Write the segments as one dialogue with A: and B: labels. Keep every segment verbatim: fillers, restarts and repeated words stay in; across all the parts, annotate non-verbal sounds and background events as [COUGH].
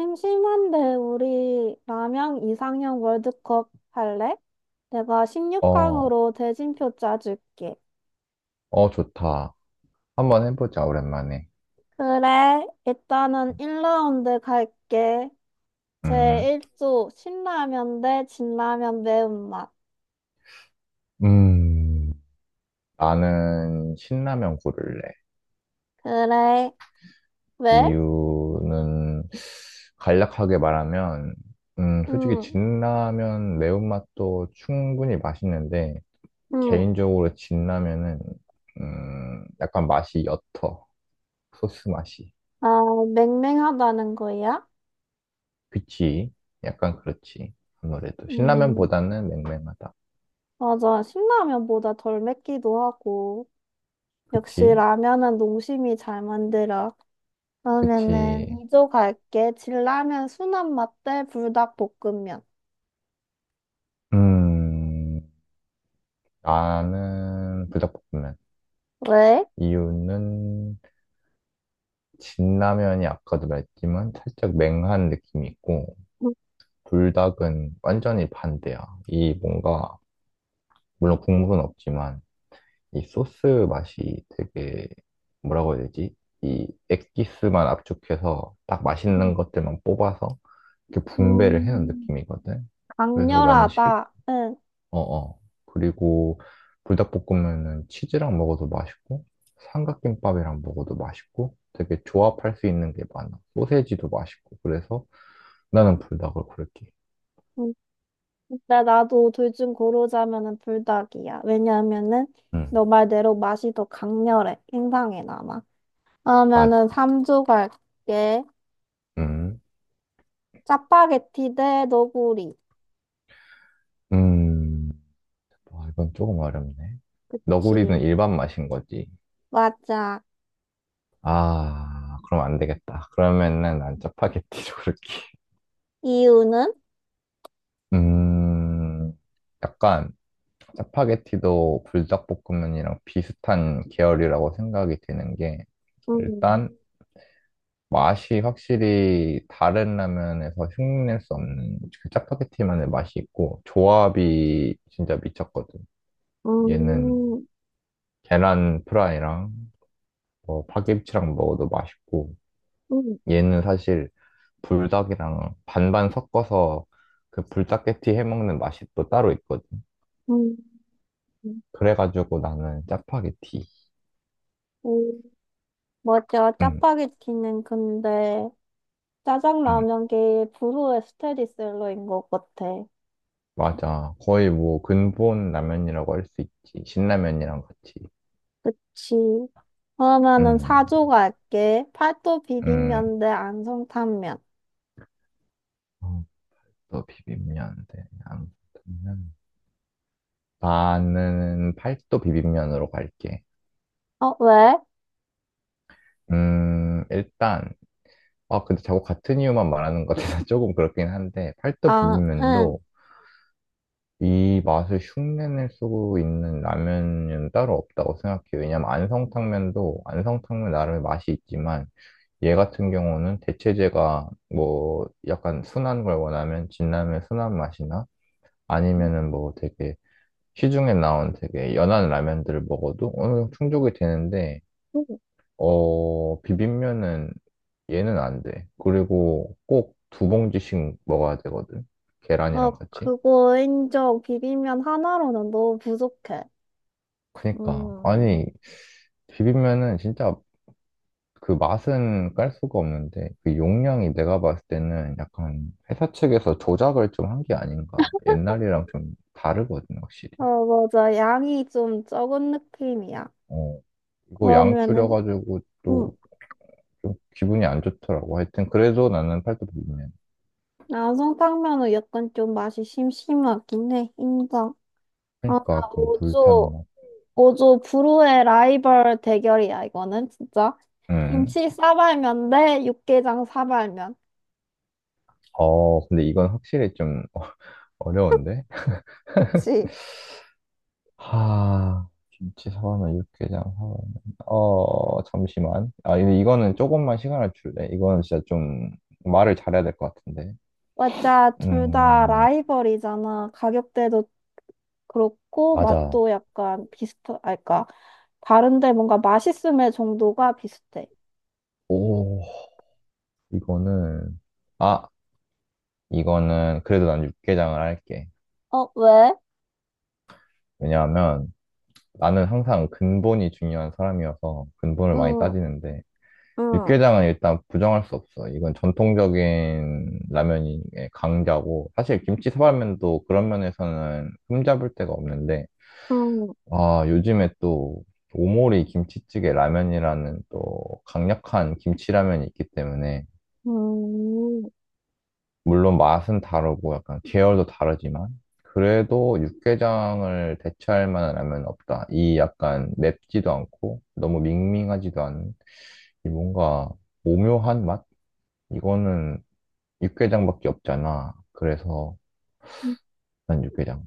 A: 심심한데 우리 남양 이상형 월드컵 할래? 내가
B: 어,
A: 십육 강으로 대진표 짜줄게.
B: 어, 좋다. 한번 해보자, 오랜만에.
A: 그래, 일단은 일 라운드 갈게.
B: 음,
A: 제일 조 신라면 대 진라면 매운맛.
B: 음, 나는 신라면 고를래.
A: 그래, 왜?
B: 이유는 간략하게 말하면, 음, 솔직히
A: 음,
B: 진라면 매운맛도 충분히 맛있는데,
A: 음,
B: 개인적으로 진라면은, 음, 약간 맛이 옅어. 소스 맛이.
A: 아, 맹맹하다는 거야?
B: 그치? 약간 그렇지. 아무래도.
A: 음,
B: 신라면보다는 맹맹하다.
A: 맞아. 신라면보다 덜 맵기도 하고. 역시
B: 그치?
A: 라면은 농심이 잘 만들어. 그러면은
B: 그치.
A: 이조 갈게. 진라면 순한 맛대 불닭볶음면.
B: 음, 나는 불닭볶음면.
A: 왜?
B: 이유는 진라면이 아까도 말했지만 살짝 맹한 느낌이 있고 불닭은 완전히 반대야. 이 뭔가 물론 국물은 없지만 이 소스 맛이 되게 뭐라고 해야 되지? 이 액기스만 압축해서 딱 맛있는
A: 음.
B: 것들만 뽑아서 이렇게 분배를 해놓은
A: 음,
B: 느낌이거든. 그래서 나는
A: 강렬하다. 응.
B: 어어. 그리고 불닭볶음면은 치즈랑 먹어도 맛있고, 삼각김밥이랑 먹어도 맛있고, 되게 조합할 수 있는 게 많아. 소세지도 맛있고. 그래서 나는 불닭을 고를게.
A: 음. 근데 나도 둘 중 고르자면은 불닭이야. 왜냐면은
B: 응,
A: 너 말대로 맛이 더 강렬해. 인상에 남아. 그러면은
B: 맞아.
A: 삼 조 갈게.
B: 음,
A: 짜파게티 대 너구리.
B: 음. 와, 이건 조금 어렵네.
A: 지.
B: 너구리는 일반 맛인 거지.
A: 맞아.
B: 아, 그럼 안 되겠다. 그러면은 난 짜파게티로 [LAUGHS] 고를게.
A: 이유는?
B: 음, 약간 짜파게티도 불닭볶음면이랑 비슷한 계열이라고 생각이 드는 게
A: 음.
B: 일단 맛이 확실히 다른 라면에서 흉내낼 수 없는 그 짜파게티만의 맛이 있고 조합이 진짜 미쳤거든. 얘는
A: 음.
B: 계란 프라이랑 뭐 파김치랑 먹어도 맛있고
A: 음.
B: 얘는 사실 불닭이랑 반반 섞어서 그 불닭게티 해먹는 맛이 또 따로 있거든. 그래가지고 나는 짜파게티.
A: 음. 맞아,
B: 응,
A: 짜파게티는 근데
B: 응.
A: 짜장라면계의 불후의 스테디셀러인 것 같아.
B: 맞아. 거의 뭐 근본 라면이라고 할 수 있지. 신라면이랑 같이.
A: 그치. 그러면은
B: 음,
A: 사조 갈게. 팔도
B: 음.
A: 비빔면 대 안성탕면.
B: 어, 또 비빔면인데. 아무튼 나는 팔도 비빔면으로 갈게.
A: 어, 왜?
B: 음, 일단 아 근데 자꾸 같은 이유만 말하는 것 같아서 [LAUGHS] 조금 그렇긴 한데 팔도
A: 아, 응.
B: 비빔면도 이 맛을 흉내낼 수 있는 라면은 따로 없다고 생각해요. 왜냐면 안성탕면도 안성탕면 나름의 맛이 있지만 얘 같은 경우는 대체제가 뭐 약간 순한 걸 원하면 진라면 순한 맛이나 아니면은 뭐 되게 시중에 나온 되게 연한 라면들을 먹어도 어느 정도 충족이 되는데 어 비빔면은 얘는 안 돼. 그리고 꼭 두 봉지씩 먹어야 되거든.
A: 어,
B: 계란이랑 같이.
A: 그거 인정. 비빔면 하나로는 너무 부족해.
B: 그니까
A: 음,
B: 아니 비빔면은 진짜 그 맛은 깔 수가 없는데 그 용량이 내가 봤을 때는 약간 회사 측에서 조작을 좀 한 게 아닌가. 옛날이랑 좀 다르거든, 확실히.
A: 어, 맞아. 양이 좀 적은 느낌이야.
B: 어. 이거 양
A: 그러면은,
B: 줄여가지고 또
A: 응.
B: 좀 기분이 안 좋더라고. 하여튼 그래도 나는 팔도 비빔면.
A: 안성탕면은 약간 좀 맛이 심심하긴 해. 인정. 아,
B: 그러니까 약간 불탄
A: 오 조,
B: 맛.
A: 오 조 불후의 라이벌 대결이야, 이거는, 진짜.
B: 음.
A: 김치 싸발면 대 육개장 사발면.
B: 어, 근데 이건 확실히 좀 [LAUGHS] 어려운데?
A: 그치.
B: 하, 김치 사발면 육개장 사발면. 어, 잠시만. 아, 근데 이거는 조금만 시간을 줄래. 이거는 진짜 좀 말을 잘해야 될 것 같은데.
A: 맞아, 둘 다
B: 음,
A: 라이벌이잖아. 가격대도 그렇고,
B: 맞아.
A: 맛도 약간 비슷하, 아, 그니까, 다른데 뭔가 맛있음의 정도가 비슷해.
B: 오, 이거는 아, 이거는 그래도 난 육개장을 할게.
A: 어, 왜?
B: 왜냐하면 나는 항상 근본이 중요한 사람이어서 근본을 많이
A: 응,
B: 따지는데
A: 응,
B: 육개장은 일단 부정할 수 없어. 이건 전통적인 라면의 강자고, 사실 김치 사발면도 그런 면에서는 흠잡을 데가 없는데,
A: 응,
B: 아, 요즘에 또 오모리 김치찌개 라면이라는 또 강력한 김치라면이 있기 때문에,
A: 응.
B: 물론 맛은 다르고 약간 계열도 다르지만, 그래도 육개장을 대체할 만한 라면은 없다. 이 약간 맵지도 않고, 너무 밍밍하지도 않은, 이 뭔가 오묘한 맛? 이거는 육개장밖에 없잖아. 그래서 난 육개장.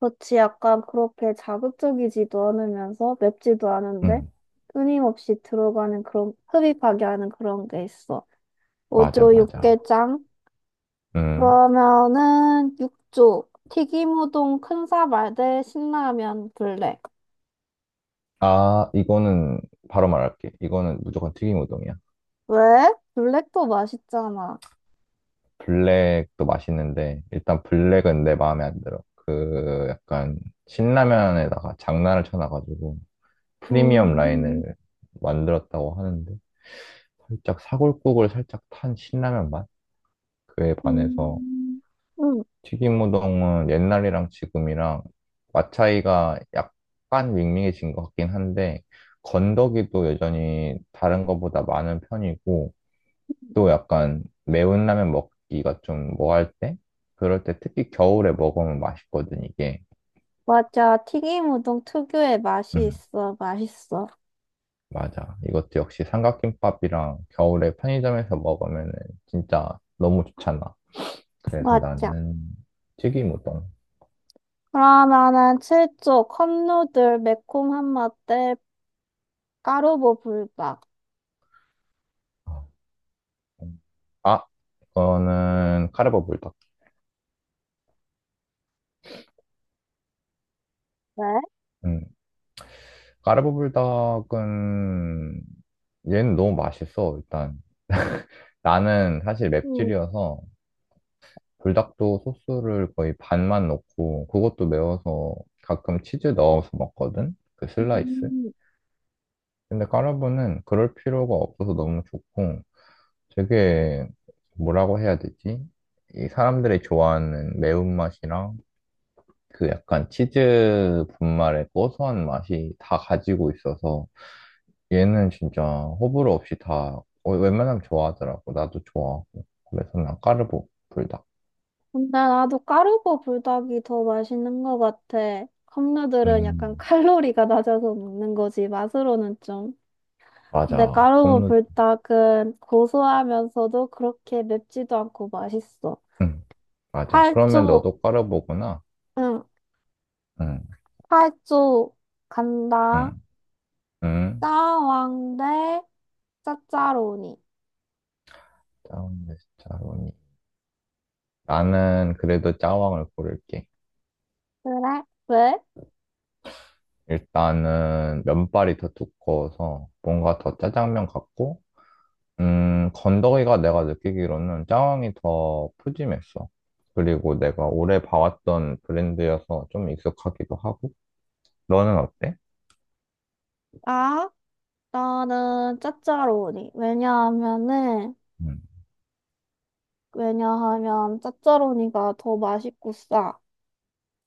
A: 그렇지, 약간 그렇게 자극적이지도 않으면서 맵지도 않은데
B: 응,
A: 끊임없이 들어가는 그런 흡입하게 하는 그런 게 있어.
B: 맞아,
A: 오 조
B: 맞아.
A: 육개장.
B: 응.
A: 그러면은 육 조 튀김 우동 큰 사발 대 신라면 블랙.
B: 아, 이거는 바로 말할게. 이거는 무조건 튀김 우동이야.
A: 왜? 블랙도 맛있잖아.
B: 블랙도 맛있는데 일단 블랙은 내 마음에 안 들어. 그 약간 신라면에다가 장난을 쳐놔가지고 프리미엄
A: 음,
B: 라인을 만들었다고 하는데 살짝 사골국을 살짝 탄 신라면 맛? 그에
A: 음,
B: 반해서
A: 음. 응,
B: 튀김우동은 옛날이랑 지금이랑 맛 차이가 약간 밍밍해진 것 같긴 한데, 건더기도 여전히 다른 것보다 많은 편이고, 또 약간 매운 라면 먹기가 좀 뭐할 때? 그럴 때 특히 겨울에 먹으면 맛있거든, 이게.
A: 맞아. 튀김 우동 특유의 맛이
B: 음,
A: 있어. 맛있어.
B: 맞아. 이것도 역시 삼각김밥이랑 겨울에 편의점에서 먹으면 진짜 너무 좋잖아. 그래서
A: 맞아.
B: 나는 튀김우동.
A: 그러면은 칠 조 컵누들 매콤한 맛대 까르보 불닭.
B: 아, 그거는 카르보 불닭.
A: 네?
B: 까르보불닭은 얘는 너무 맛있어, 일단. 나는 사실
A: 음,
B: 맵찔이어서 불닭도 소스를 거의 반만 넣고 그것도 매워서 가끔 치즈 넣어서 먹거든? 그 슬라이스?
A: 음.
B: 근데 까르보는 그럴 필요가 없어서 너무 좋고 되게 뭐라고 해야 되지? 이 사람들이 좋아하는 매운맛이랑 그 약간 치즈 분말의 고소한 맛이 다 가지고 있어서 얘는 진짜 호불호 없이 다 어, 웬만하면 좋아하더라고. 나도 좋아하고. 그래서 난 까르보 불닭.
A: 근데 나도 까르보 불닭이 더 맛있는 것 같아. 컵누들은 약간
B: 음,
A: 칼로리가 낮아서 먹는 거지, 맛으로는 좀. 근데
B: 맞아.
A: 까르보
B: 컵누.
A: 불닭은 고소하면서도 그렇게 맵지도 않고 맛있어.
B: 응, 맞아. 그러면
A: 팔 조,
B: 너도 까르보구나.
A: 응,
B: 응,
A: 팔 조 간다.
B: 응, 응.
A: 짜왕 대 짜짜로니.
B: 짜왕 네스짜로니 나는 그래도 짜왕을 고를게.
A: 그래? 왜?
B: 일단은 면발이 더 두꺼워서 뭔가 더 짜장면 같고 음, 건더기가 내가 느끼기로는 짜왕이 더 푸짐했어. 그리고 내가 오래 봐왔던 브랜드여서 좀 익숙하기도 하고. 너는 어때?
A: 아? 나는 짜짜로니. 왜냐하면은,
B: 음.
A: 왜냐하면 짜짜로니가 더 맛있고 싸.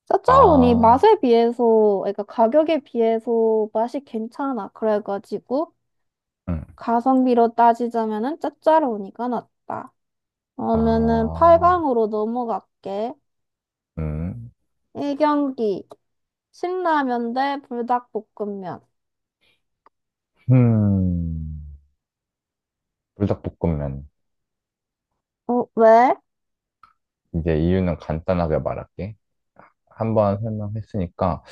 A: 짜짜로니
B: 아,
A: 맛에 비해서, 그러니까 가격에 비해서 맛이 괜찮아. 그래가지고
B: 음.
A: 가성비로 따지자면은 짜짜로니가 낫다. 그러면은
B: 아,
A: 팔 강으로 넘어갈게.
B: 음.
A: 일 경기. 신라면 대 불닭볶음면.
B: 음. 불닭볶음면.
A: 어, 왜?
B: 이제 이유는 간단하게 말할게. 한번 설명했으니까,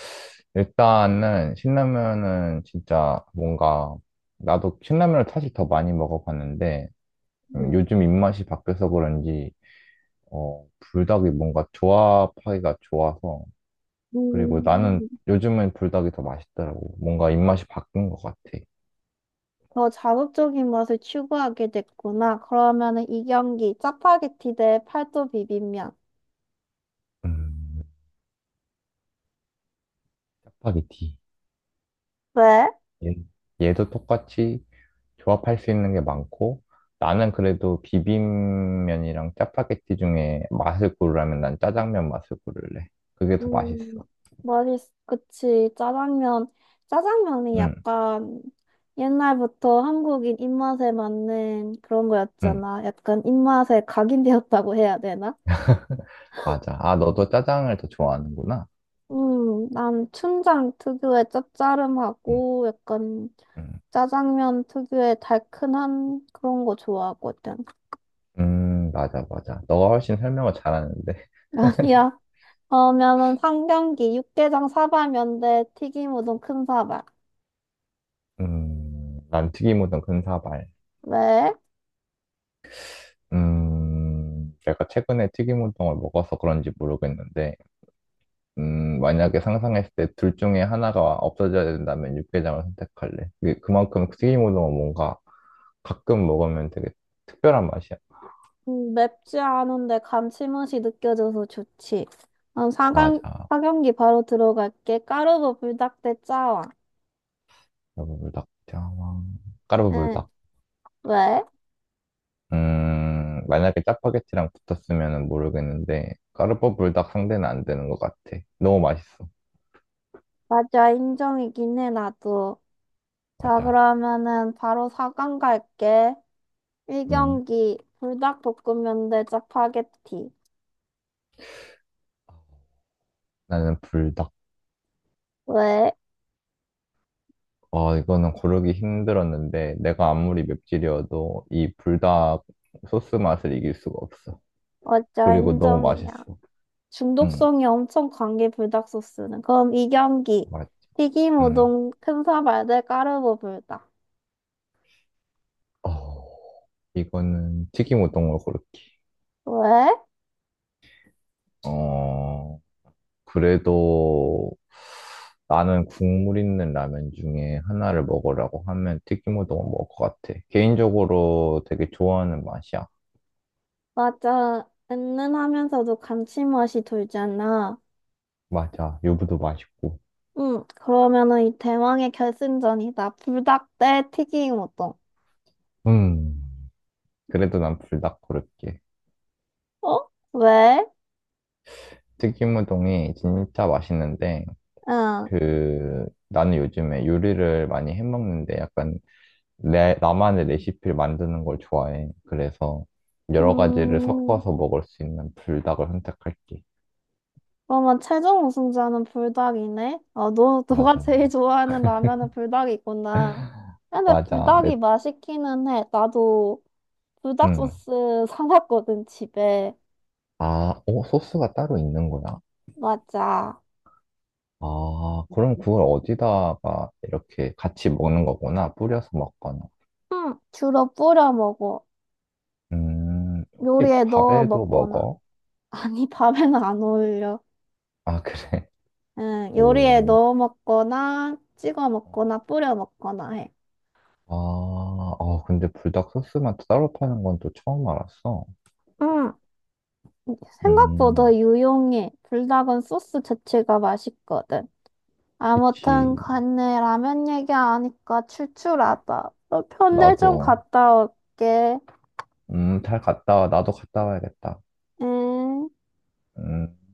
B: 일단은 신라면은 진짜 뭔가, 나도 신라면을 사실 더 많이 먹어봤는데, 음, 요즘 입맛이 바뀌어서 그런지, 어, 불닭이 뭔가 조합하기가 좋아서. 그리고 나는
A: 음.
B: 요즘엔 불닭이 더 맛있더라고. 뭔가 입맛이 바뀐 것 같아.
A: 더 자극적인 맛을 추구하게 됐구나. 그러면은 이 경기 짜파게티 대 팔도 비빔면.
B: 음, 짜파게티.
A: 왜?
B: 얘, 얘도 똑같이 조합할 수 있는 게 많고, 나는 그래도 비빔면이랑 짜파게티 중에 맛을 고르라면 난 짜장면 맛을 고를래. 그게 더
A: 음,
B: 맛있어.
A: 맛있, 그치. 짜장면. 짜장면이
B: 응,
A: 약간 옛날부터 한국인 입맛에 맞는 그런
B: 응,
A: 거였잖아. 약간 입맛에 각인되었다고 해야 되나?
B: 맞아. 아, 너도 짜장을 더 좋아하는구나.
A: 음, 난 춘장 특유의
B: 응,
A: 짭짜름하고 약간
B: 응.
A: 짜장면 특유의 달큰한 그런 거 좋아하거든.
B: 음, 맞아, 맞아. 너가 훨씬 설명을 잘하는데.
A: [LAUGHS] 아니야. 그러면은 상경기, 육개장 사발면대, 튀김 우동 큰 사발.
B: 음, 난 튀김우동 근사발.
A: 왜?
B: 음, 내가 최근에 튀김우동을 먹어서 그런지 모르겠는데, 음, 만약에 상상했을 때 둘 중에 하나가 없어져야 된다면 육개장을 선택할래. 그게 그만큼 튀김우동은 뭔가 가끔 먹으면 되게 특별한 맛이야.
A: 음, 맵지 않은데 감칠맛이 느껴져서 좋지. 음, 사강,
B: 맞아.
A: 사경기 바로 들어갈게. 까르보 불닭대 짜왕.
B: 까르보불닭, 장황.
A: 응,
B: 까르보불닭.
A: 왜?
B: 음, 만약에 짜파게티랑 붙었으면 모르겠는데, 까르보불닭 상대는 안 되는 것 같아. 너무 맛있어.
A: 맞아, 인정이긴 해, 나도. 자,
B: 맞아.
A: 그러면은 바로 사강 갈게.
B: 음.
A: 일경기 불닭볶음면대 짜파게티.
B: 나는 불닭.
A: 왜?
B: 아, 이거는 고르기 힘들었는데, 내가 아무리 맵찔이어도 이 불닭 소스 맛을 이길 수가 없어.
A: 맞아,
B: 그리고 너무
A: 인정이야.
B: 맛있어. 응,
A: 중독성이 엄청 강해 불닭 소스는. 그럼 이경기.
B: 맞지.
A: 튀김
B: 응.
A: 우동 큰사 발대 까르보 불닭.
B: 어, 이거는 튀김 우동으로 고를게.
A: 왜?
B: 어, 그래도 나는 국물 있는 라면 중에 하나를 먹으라고 하면 튀김 우동을 먹을 것 같아. 개인적으로 되게 좋아하는 맛이야.
A: 맞아. 은은하면서도 감칠맛이 돌잖아.
B: 맞아. 유부도 맛있고.
A: 응. 그러면은 이 대망의 결승전이다. 불닭 대 튀김 우동.
B: 음, 그래도 난 불닭 고를게.
A: 어? 왜?
B: 튀김우동이 진짜 맛있는데
A: 응.
B: 그 나는 요즘에 요리를 많이 해먹는데 약간 내 나만의 레시피를 만드는 걸 좋아해. 그래서 여러 가지를
A: 음.
B: 섞어서 먹을 수 있는 불닭을 선택할게.
A: 그러면 최종 우승자는 불닭이네. 어, 너 너가
B: 맞아.
A: 제일 좋아하는 라면은 불닭이구나. 근데
B: 맞아. 내,
A: 불닭이 맛있기는 해. 나도 불닭
B: 음.
A: 소스 사놨거든, 집에.
B: 아, 어, 소스가 따로 있는 거야?
A: 맞아.
B: 아, 그럼 그걸 어디다가 이렇게 같이 먹는 거구나. 뿌려서 먹거나.
A: 응, 주로 뿌려 먹어.
B: 음, 혹시
A: 요리에 넣어
B: 밥에도
A: 먹거나.
B: 먹어?
A: [LAUGHS] 아니, 밥에는 안 어울려.
B: 아, 그래.
A: 응,
B: [LAUGHS]
A: 요리에
B: 오.
A: 넣어 먹거나, 찍어 먹거나, 뿌려 먹거나 해.
B: 아, 아, 근데 불닭 소스만 따로 파는 건 또 처음 알았어.
A: 응, 생각보다
B: 음,
A: 유용해. 불닭은 소스 자체가 맛있거든.
B: 그치.
A: 아무튼 간에 라면 얘기 하니까 출출하다. 너 편의점
B: 나도,
A: 갔다 올게.
B: 음, 잘 갔다 와. 나도 갔다 와야겠다.
A: 응.
B: 음.